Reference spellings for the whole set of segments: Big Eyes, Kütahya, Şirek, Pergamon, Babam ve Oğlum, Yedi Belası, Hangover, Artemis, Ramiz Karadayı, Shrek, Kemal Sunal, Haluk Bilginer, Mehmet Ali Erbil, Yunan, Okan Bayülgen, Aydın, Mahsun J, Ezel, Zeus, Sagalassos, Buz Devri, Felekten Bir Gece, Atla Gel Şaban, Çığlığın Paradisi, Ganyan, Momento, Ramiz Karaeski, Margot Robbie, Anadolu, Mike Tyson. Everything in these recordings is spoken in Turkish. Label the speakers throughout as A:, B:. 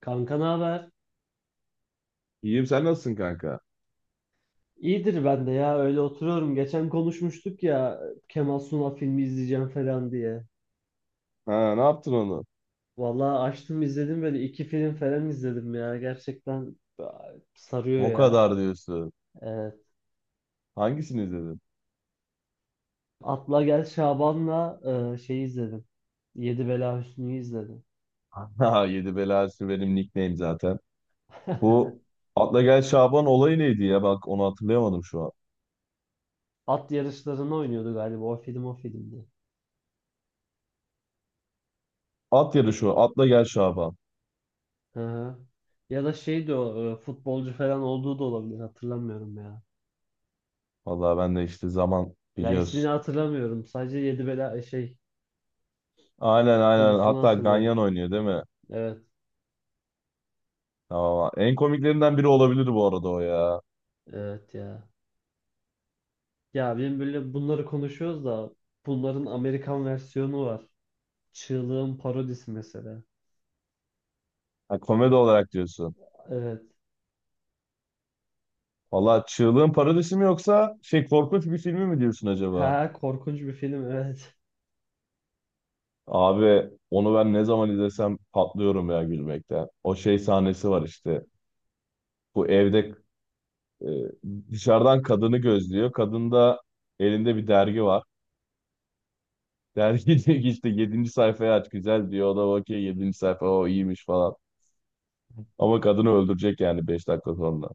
A: Kanka ne haber?
B: İyiyim, sen nasılsın kanka?
A: İyidir ben de ya öyle oturuyorum. Geçen konuşmuştuk ya Kemal Sunal filmi izleyeceğim falan diye.
B: Ha, ne yaptın onu?
A: Vallahi açtım izledim böyle iki film falan izledim ya. Gerçekten sarıyor
B: O
A: ya.
B: kadar diyorsun.
A: Evet.
B: Hangisini izledin?
A: Atla Gel Şaban'la şey izledim. Yedi Bela Hüsnü'yü izledim.
B: Ha, Yedi Belası benim nickname zaten. Bu Atla Gel Şaban olayı neydi ya? Bak onu hatırlayamadım şu an.
A: At yarışlarını oynuyordu galiba o o filmdi.
B: At yarışı o. Atla Gel Şaban.
A: Hı hı. Ya da şeydi o futbolcu falan olduğu da olabilir hatırlamıyorum ya.
B: Vallahi ben de işte zaman
A: Ya ismini
B: biliyorsun.
A: hatırlamıyorum. Sadece Yedi Bela şey
B: Aynen aynen.
A: konusunu
B: Hatta
A: hatırlıyorum.
B: Ganyan oynuyor değil mi?
A: Evet,
B: Tamam. En komiklerinden biri olabilir bu arada o ya.
A: evet ya. Ya benim böyle bunları konuşuyoruz da bunların Amerikan versiyonu var. Çığlığın parodisi mesela.
B: Ha, komedi olarak diyorsun.
A: Evet.
B: Vallahi Çığlığın Paradisi mi yoksa şey korkunç bir filmi mi diyorsun acaba?
A: Ha korkunç bir film, evet.
B: Abi onu ben ne zaman izlesem patlıyorum ya gülmekten. O şey sahnesi var işte. Bu evde e, dışarıdan kadını gözlüyor. Kadın da elinde bir dergi var. Dergi diyor ki işte yedinci sayfayı aç güzel diyor. O da bakıyor yedinci sayfa o iyiymiş falan. Ama kadını öldürecek yani 5 dakika sonra.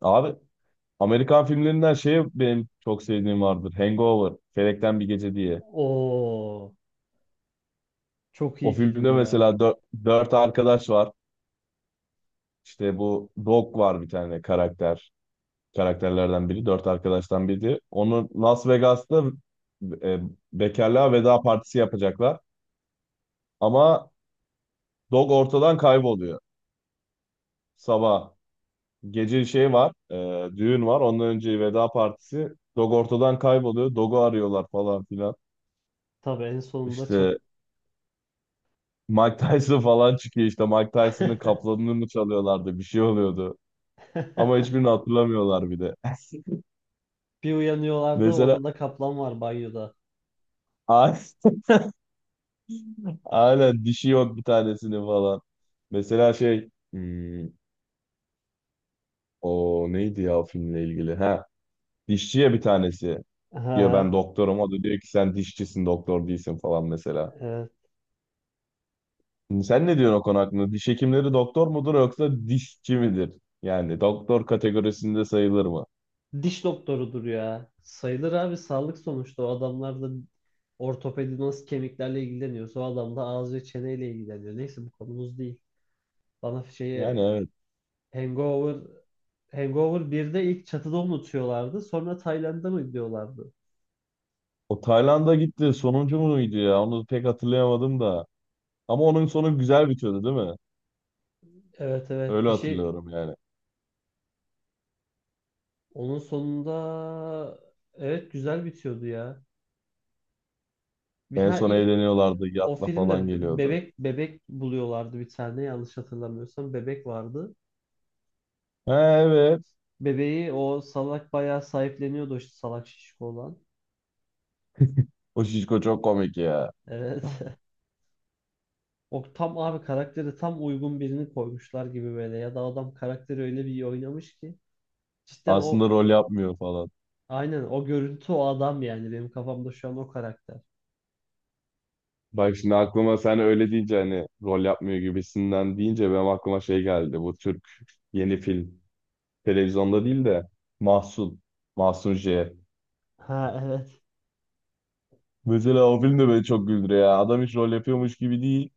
B: Abi Amerikan filmlerinden şey benim çok sevdiğim vardır. Hangover, Felekten Bir Gece diye.
A: Oo, çok
B: O
A: iyi film
B: filmde
A: ya.
B: mesela dört arkadaş var. İşte bu Dog var bir tane karakter. Karakterlerden biri. Dört arkadaştan biri. Onu Las Vegas'ta e, bekarlığa veda partisi yapacaklar. Ama Dog ortadan kayboluyor. Sabah gece şey var, düğün var. Ondan önce veda partisi. Dog ortadan kayboluyor. Dog'u arıyorlar falan filan.
A: Tabii en sonunda çat.
B: İşte Mike Tyson falan çıkıyor işte. Mike Tyson'ın kaplanını mı çalıyorlardı? Bir şey oluyordu. Ama hiçbirini hatırlamıyorlar bir de.
A: Bir uyanıyorlardı,
B: Mesela
A: odada kaplan var, banyoda.
B: aynen dişi yok bir tanesini falan. Mesela şey o neydi ya o filmle ilgili? Ha, dişçiye bir tanesi diyor
A: Ha,
B: ben doktorum. O da diyor ki sen dişçisin doktor değilsin falan mesela.
A: evet.
B: Sen ne diyorsun o konu hakkında? Diş hekimleri doktor mudur yoksa dişçi midir? Yani doktor kategorisinde sayılır mı?
A: Diş doktorudur ya. Sayılır abi, sağlık sonuçta, o adamlar da ortopedi nasıl kemiklerle ilgileniyorsa o adam da ağız ve çeneyle ilgileniyor. Neyse, bu konumuz değil. Bana şeyi
B: Yani evet.
A: Hangover Hangover birde ilk çatıda unutuyorlardı. Sonra Tayland'a mı gidiyorlardı?
B: O Tayland'a gitti. Sonuncu muydu ya? Onu pek hatırlayamadım da. Ama onun sonu güzel bitiyordu değil mi?
A: Evet evet,
B: Öyle
A: bir şey
B: hatırlıyorum yani.
A: onun sonunda, evet, güzel bitiyordu ya. Bir
B: En
A: ha
B: son
A: ilk
B: eğleniyorlardı.
A: o
B: Yatla falan
A: filmde
B: geliyordu.
A: bebek buluyorlardı, bir tane, yanlış hatırlamıyorsam bebek vardı.
B: Ha, evet.
A: Bebeği o salak bayağı sahipleniyordu işte, salak şişko olan.
B: O şişko çok komik ya.
A: Evet. O tam abi karakteri, tam uygun birini koymuşlar gibi, böyle ya da adam karakteri öyle bir iyi oynamış ki cidden
B: Aslında
A: o
B: rol yapmıyor falan.
A: aynen o görüntü o adam, yani benim kafamda şu an o karakter.
B: Bak şimdi aklıma sen öyle deyince hani rol yapmıyor gibisinden deyince benim aklıma şey geldi. Bu Türk yeni film. Televizyonda değil de Mahsun. Mahsun J.
A: Ha, evet.
B: Mesela o film de beni çok güldürüyor ya. Adam hiç rol yapıyormuş gibi değil.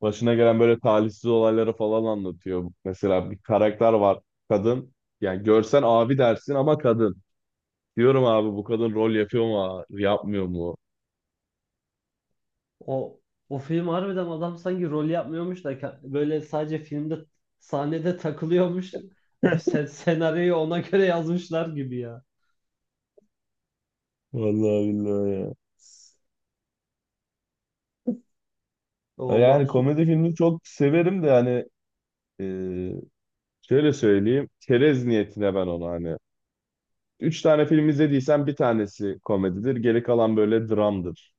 B: Başına gelen böyle talihsiz olayları falan anlatıyor. Mesela bir karakter var. Kadın. Yani görsen abi dersin ama kadın. Diyorum abi bu kadın rol yapıyor mu? Yapmıyor mu?
A: O o film harbiden, adam sanki rol yapmıyormuş da böyle sadece filmde sahnede takılıyormuş. Öf, senaryoyu ona göre yazmışlar gibi ya.
B: Vallahi billahi ya.
A: O
B: Yani
A: mahsup.
B: komedi filmi çok severim de hani, e, şöyle söyleyeyim. Çerez niyetine ben onu hani. Üç tane film izlediysen bir tanesi komedidir. Geri kalan böyle dramdır.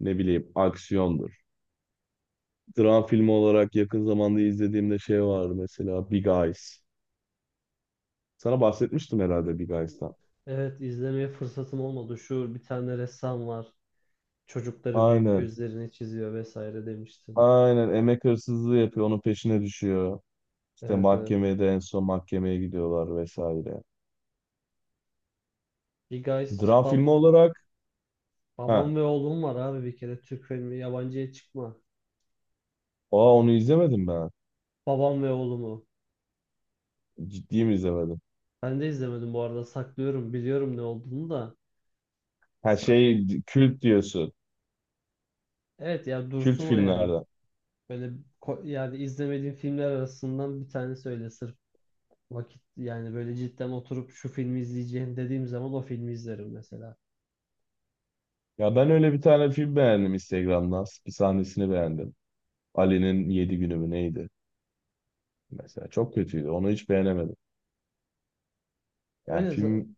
B: Ne bileyim aksiyondur. Dram filmi olarak yakın zamanda izlediğimde şey var mesela Big Eyes. Sana bahsetmiştim herhalde Big Eyes'tan.
A: Evet, izlemeye fırsatım olmadı. Şu bir tane ressam var, çocukları büyük
B: Aynen.
A: gözlerini çiziyor vesaire demiştin.
B: Aynen. Emek hırsızlığı yapıyor. Onun peşine düşüyor. İşte
A: Evet evet.
B: mahkemeye de en son mahkemeye gidiyorlar vesaire.
A: Bir Guys
B: Dram filmi olarak ha,
A: babam ve oğlum var abi, bir kere Türk filmi, yabancıya çıkma.
B: aa, onu izlemedim ben.
A: Babam ve oğlumu.
B: Ciddi mi izlemedin?
A: Ben de izlemedim bu arada. Saklıyorum. Biliyorum ne olduğunu da.
B: Her
A: Sak
B: şey kült diyorsun.
A: evet ya,
B: Kült
A: dursun o yani.
B: filmlerden.
A: Böyle yani izlemediğim filmler arasından bir tanesi, öyle sırf vakit, yani böyle cidden oturup şu filmi izleyeceğim dediğim zaman o filmi izlerim mesela.
B: Ya ben öyle bir tane film beğendim Instagram'dan. Bir sahnesini beğendim. Ali'nin Yedi günü mü neydi? Mesela çok kötüydü. Onu hiç beğenemedim. Yani
A: Öyle za-
B: film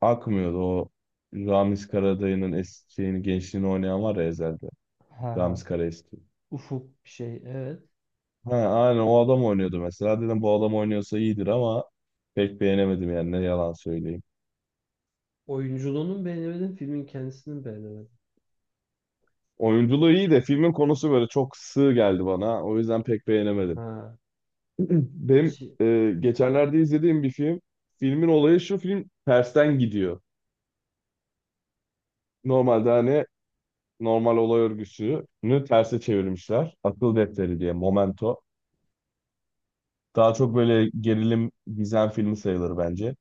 B: akmıyordu. O Ramiz Karadayı'nın eskiğini, gençliğini oynayan var ya Ezel'de.
A: ha ha,
B: Ramiz Karaeski.
A: ufuk bir şey evet.
B: Ha, aynen o adam oynuyordu mesela. Dedim bu adam oynuyorsa iyidir ama pek beğenemedim yani ne yalan söyleyeyim.
A: Oyunculuğunu mu beğenemedim, filmin kendisini mi beğenemedim.
B: Oyunculuğu iyi de filmin konusu böyle çok sığ geldi bana. O yüzden pek beğenemedim.
A: Ha.
B: Benim
A: Şi-
B: geçenlerde izlediğim bir film. Filmin olayı şu, film tersten gidiyor. Normalde hani normal olay örgüsünü terse çevirmişler. Akıl defteri diye Momento. Daha çok böyle gerilim gizem filmi sayılır bence.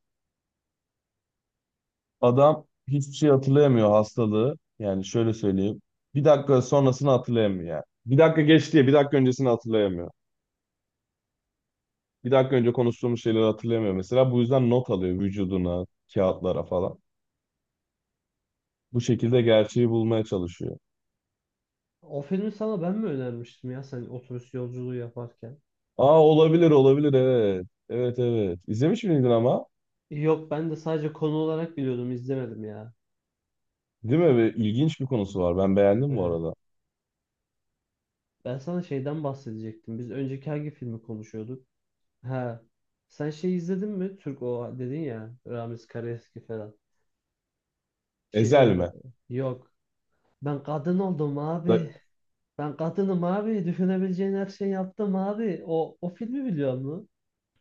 B: Adam hiçbir şey hatırlayamıyor, hastalığı. Yani şöyle söyleyeyim. Bir dakika sonrasını hatırlayamıyor yani. Bir dakika geç diye bir dakika öncesini hatırlayamıyor. Bir dakika önce konuştuğumuz şeyleri hatırlayamıyor mesela. Bu yüzden not alıyor vücuduna, kağıtlara falan. Bu şekilde gerçeği bulmaya çalışıyor.
A: O filmi sana ben mi önermiştim ya sen otobüs yolculuğu yaparken?
B: Aa, olabilir olabilir, evet. Evet evet. İzlemiş miydin ama?
A: Yok, ben de sadece konu olarak biliyordum, izlemedim ya.
B: Değil mi? Ve İlginç bir konusu var. Ben beğendim bu
A: Evet.
B: arada.
A: Ben sana şeyden bahsedecektim. Biz önceki hangi filmi konuşuyorduk? Ha. Sen şey izledin mi? Türk, o dedin ya, Ramiz Karaeski falan. Şey,
B: Ezel mi?
A: yok. Ben kadın oldum abi.
B: Da,
A: Ben kadınım abi. Düşünebileceğin her şeyi yaptım abi. O, o filmi biliyor musun?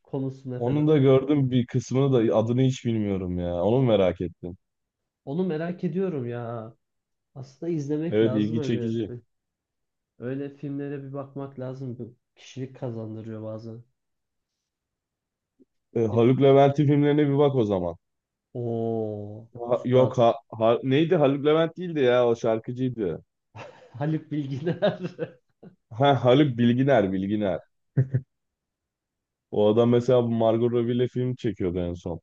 A: Konusunu falan.
B: onun da gördüm bir kısmını da adını hiç bilmiyorum ya. Onu merak ettim.
A: Onu merak ediyorum ya. Aslında izlemek
B: Evet,
A: lazım
B: ilgi
A: öyle.
B: çekici.
A: Öyle filmlere bir bakmak lazım. Bu kişilik kazandırıyor bazen.
B: E,
A: Ya da...
B: Haluk Levent'in filmlerine bir bak o zaman.
A: Oo,
B: Yok,
A: üstad.
B: neydi, Haluk Levent değildi ya, o şarkıcıydı.
A: Haluk Bilginer.
B: Ha, Haluk Bilginer Bilginer. O adam mesela bu Margot Robbie'yle film çekiyordu en son.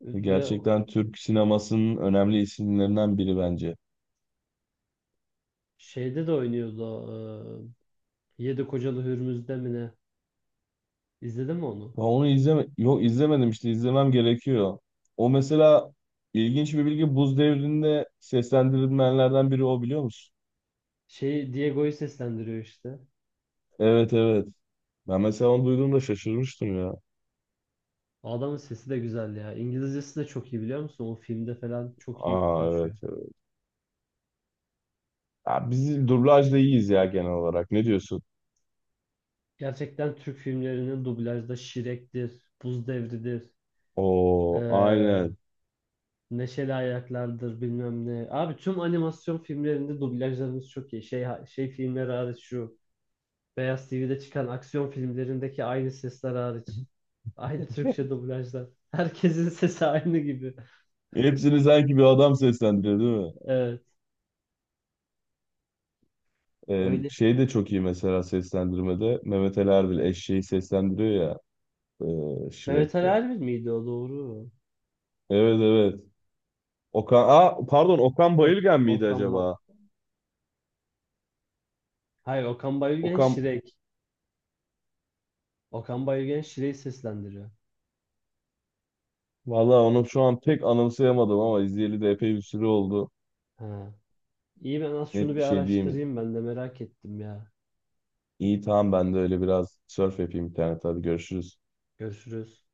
A: Ve
B: Gerçekten Türk sinemasının önemli isimlerinden biri bence.
A: şeyde de oynuyordu, o, Yedi Kocalı Hürmüz'de mi ne? İzledin mi onu?
B: Ya onu izleme yok izlemedim işte, izlemem gerekiyor. O mesela ilginç bir bilgi, Buz Devri'nde seslendirilmeyenlerden biri o, biliyor musun?
A: Şey, Diego'yu seslendiriyor işte.
B: Evet evet. Ben mesela onu duyduğumda şaşırmıştım ya.
A: O adamın sesi de güzel ya. İngilizcesi de çok iyi, biliyor musun? O filmde falan çok iyi
B: Aa, evet
A: konuşuyor.
B: evet. Ya biz dublajda iyiyiz ya genel olarak. Ne diyorsun?
A: Gerçekten Türk filmlerinin dublajda Şirek'tir, Buz Devri'dir,
B: Oo,
A: e,
B: aynen.
A: Neşeli Ayaklar'dır, bilmem ne. Abi tüm animasyon filmlerinde dublajlarımız çok iyi. Şey, şey filmleri hariç, şu Beyaz TV'de çıkan aksiyon filmlerindeki aynı sesler hariç. Aynı Türkçe dublajlar. Herkesin sesi aynı gibi.
B: Hepsini sanki bir adam seslendiriyor değil mi?
A: Evet. Öyle.
B: Şey de çok iyi mesela seslendirmede. Mehmet Ali Erbil eşeği seslendiriyor ya,
A: Mehmet Ali
B: Shrek'te.
A: Erbil miydi o, doğru?
B: Evet evet. Okan, aa, pardon, Okan
A: Ok
B: Bayülgen miydi
A: Okan ba
B: acaba?
A: Hayır, Okan Bayülgen
B: Okan,
A: Şirek. Okan Bayülgen Şirek'i seslendiriyor.
B: vallahi onu şu an pek anımsayamadım ama izleyeli de epey bir süre oldu.
A: Ha. İyi, ben az şunu
B: Net
A: bir
B: bir şey diyeyim.
A: araştırayım, ben de merak ettim ya.
B: İyi tamam, ben de öyle biraz surf yapayım internette. Hadi görüşürüz.
A: Görüşürüz.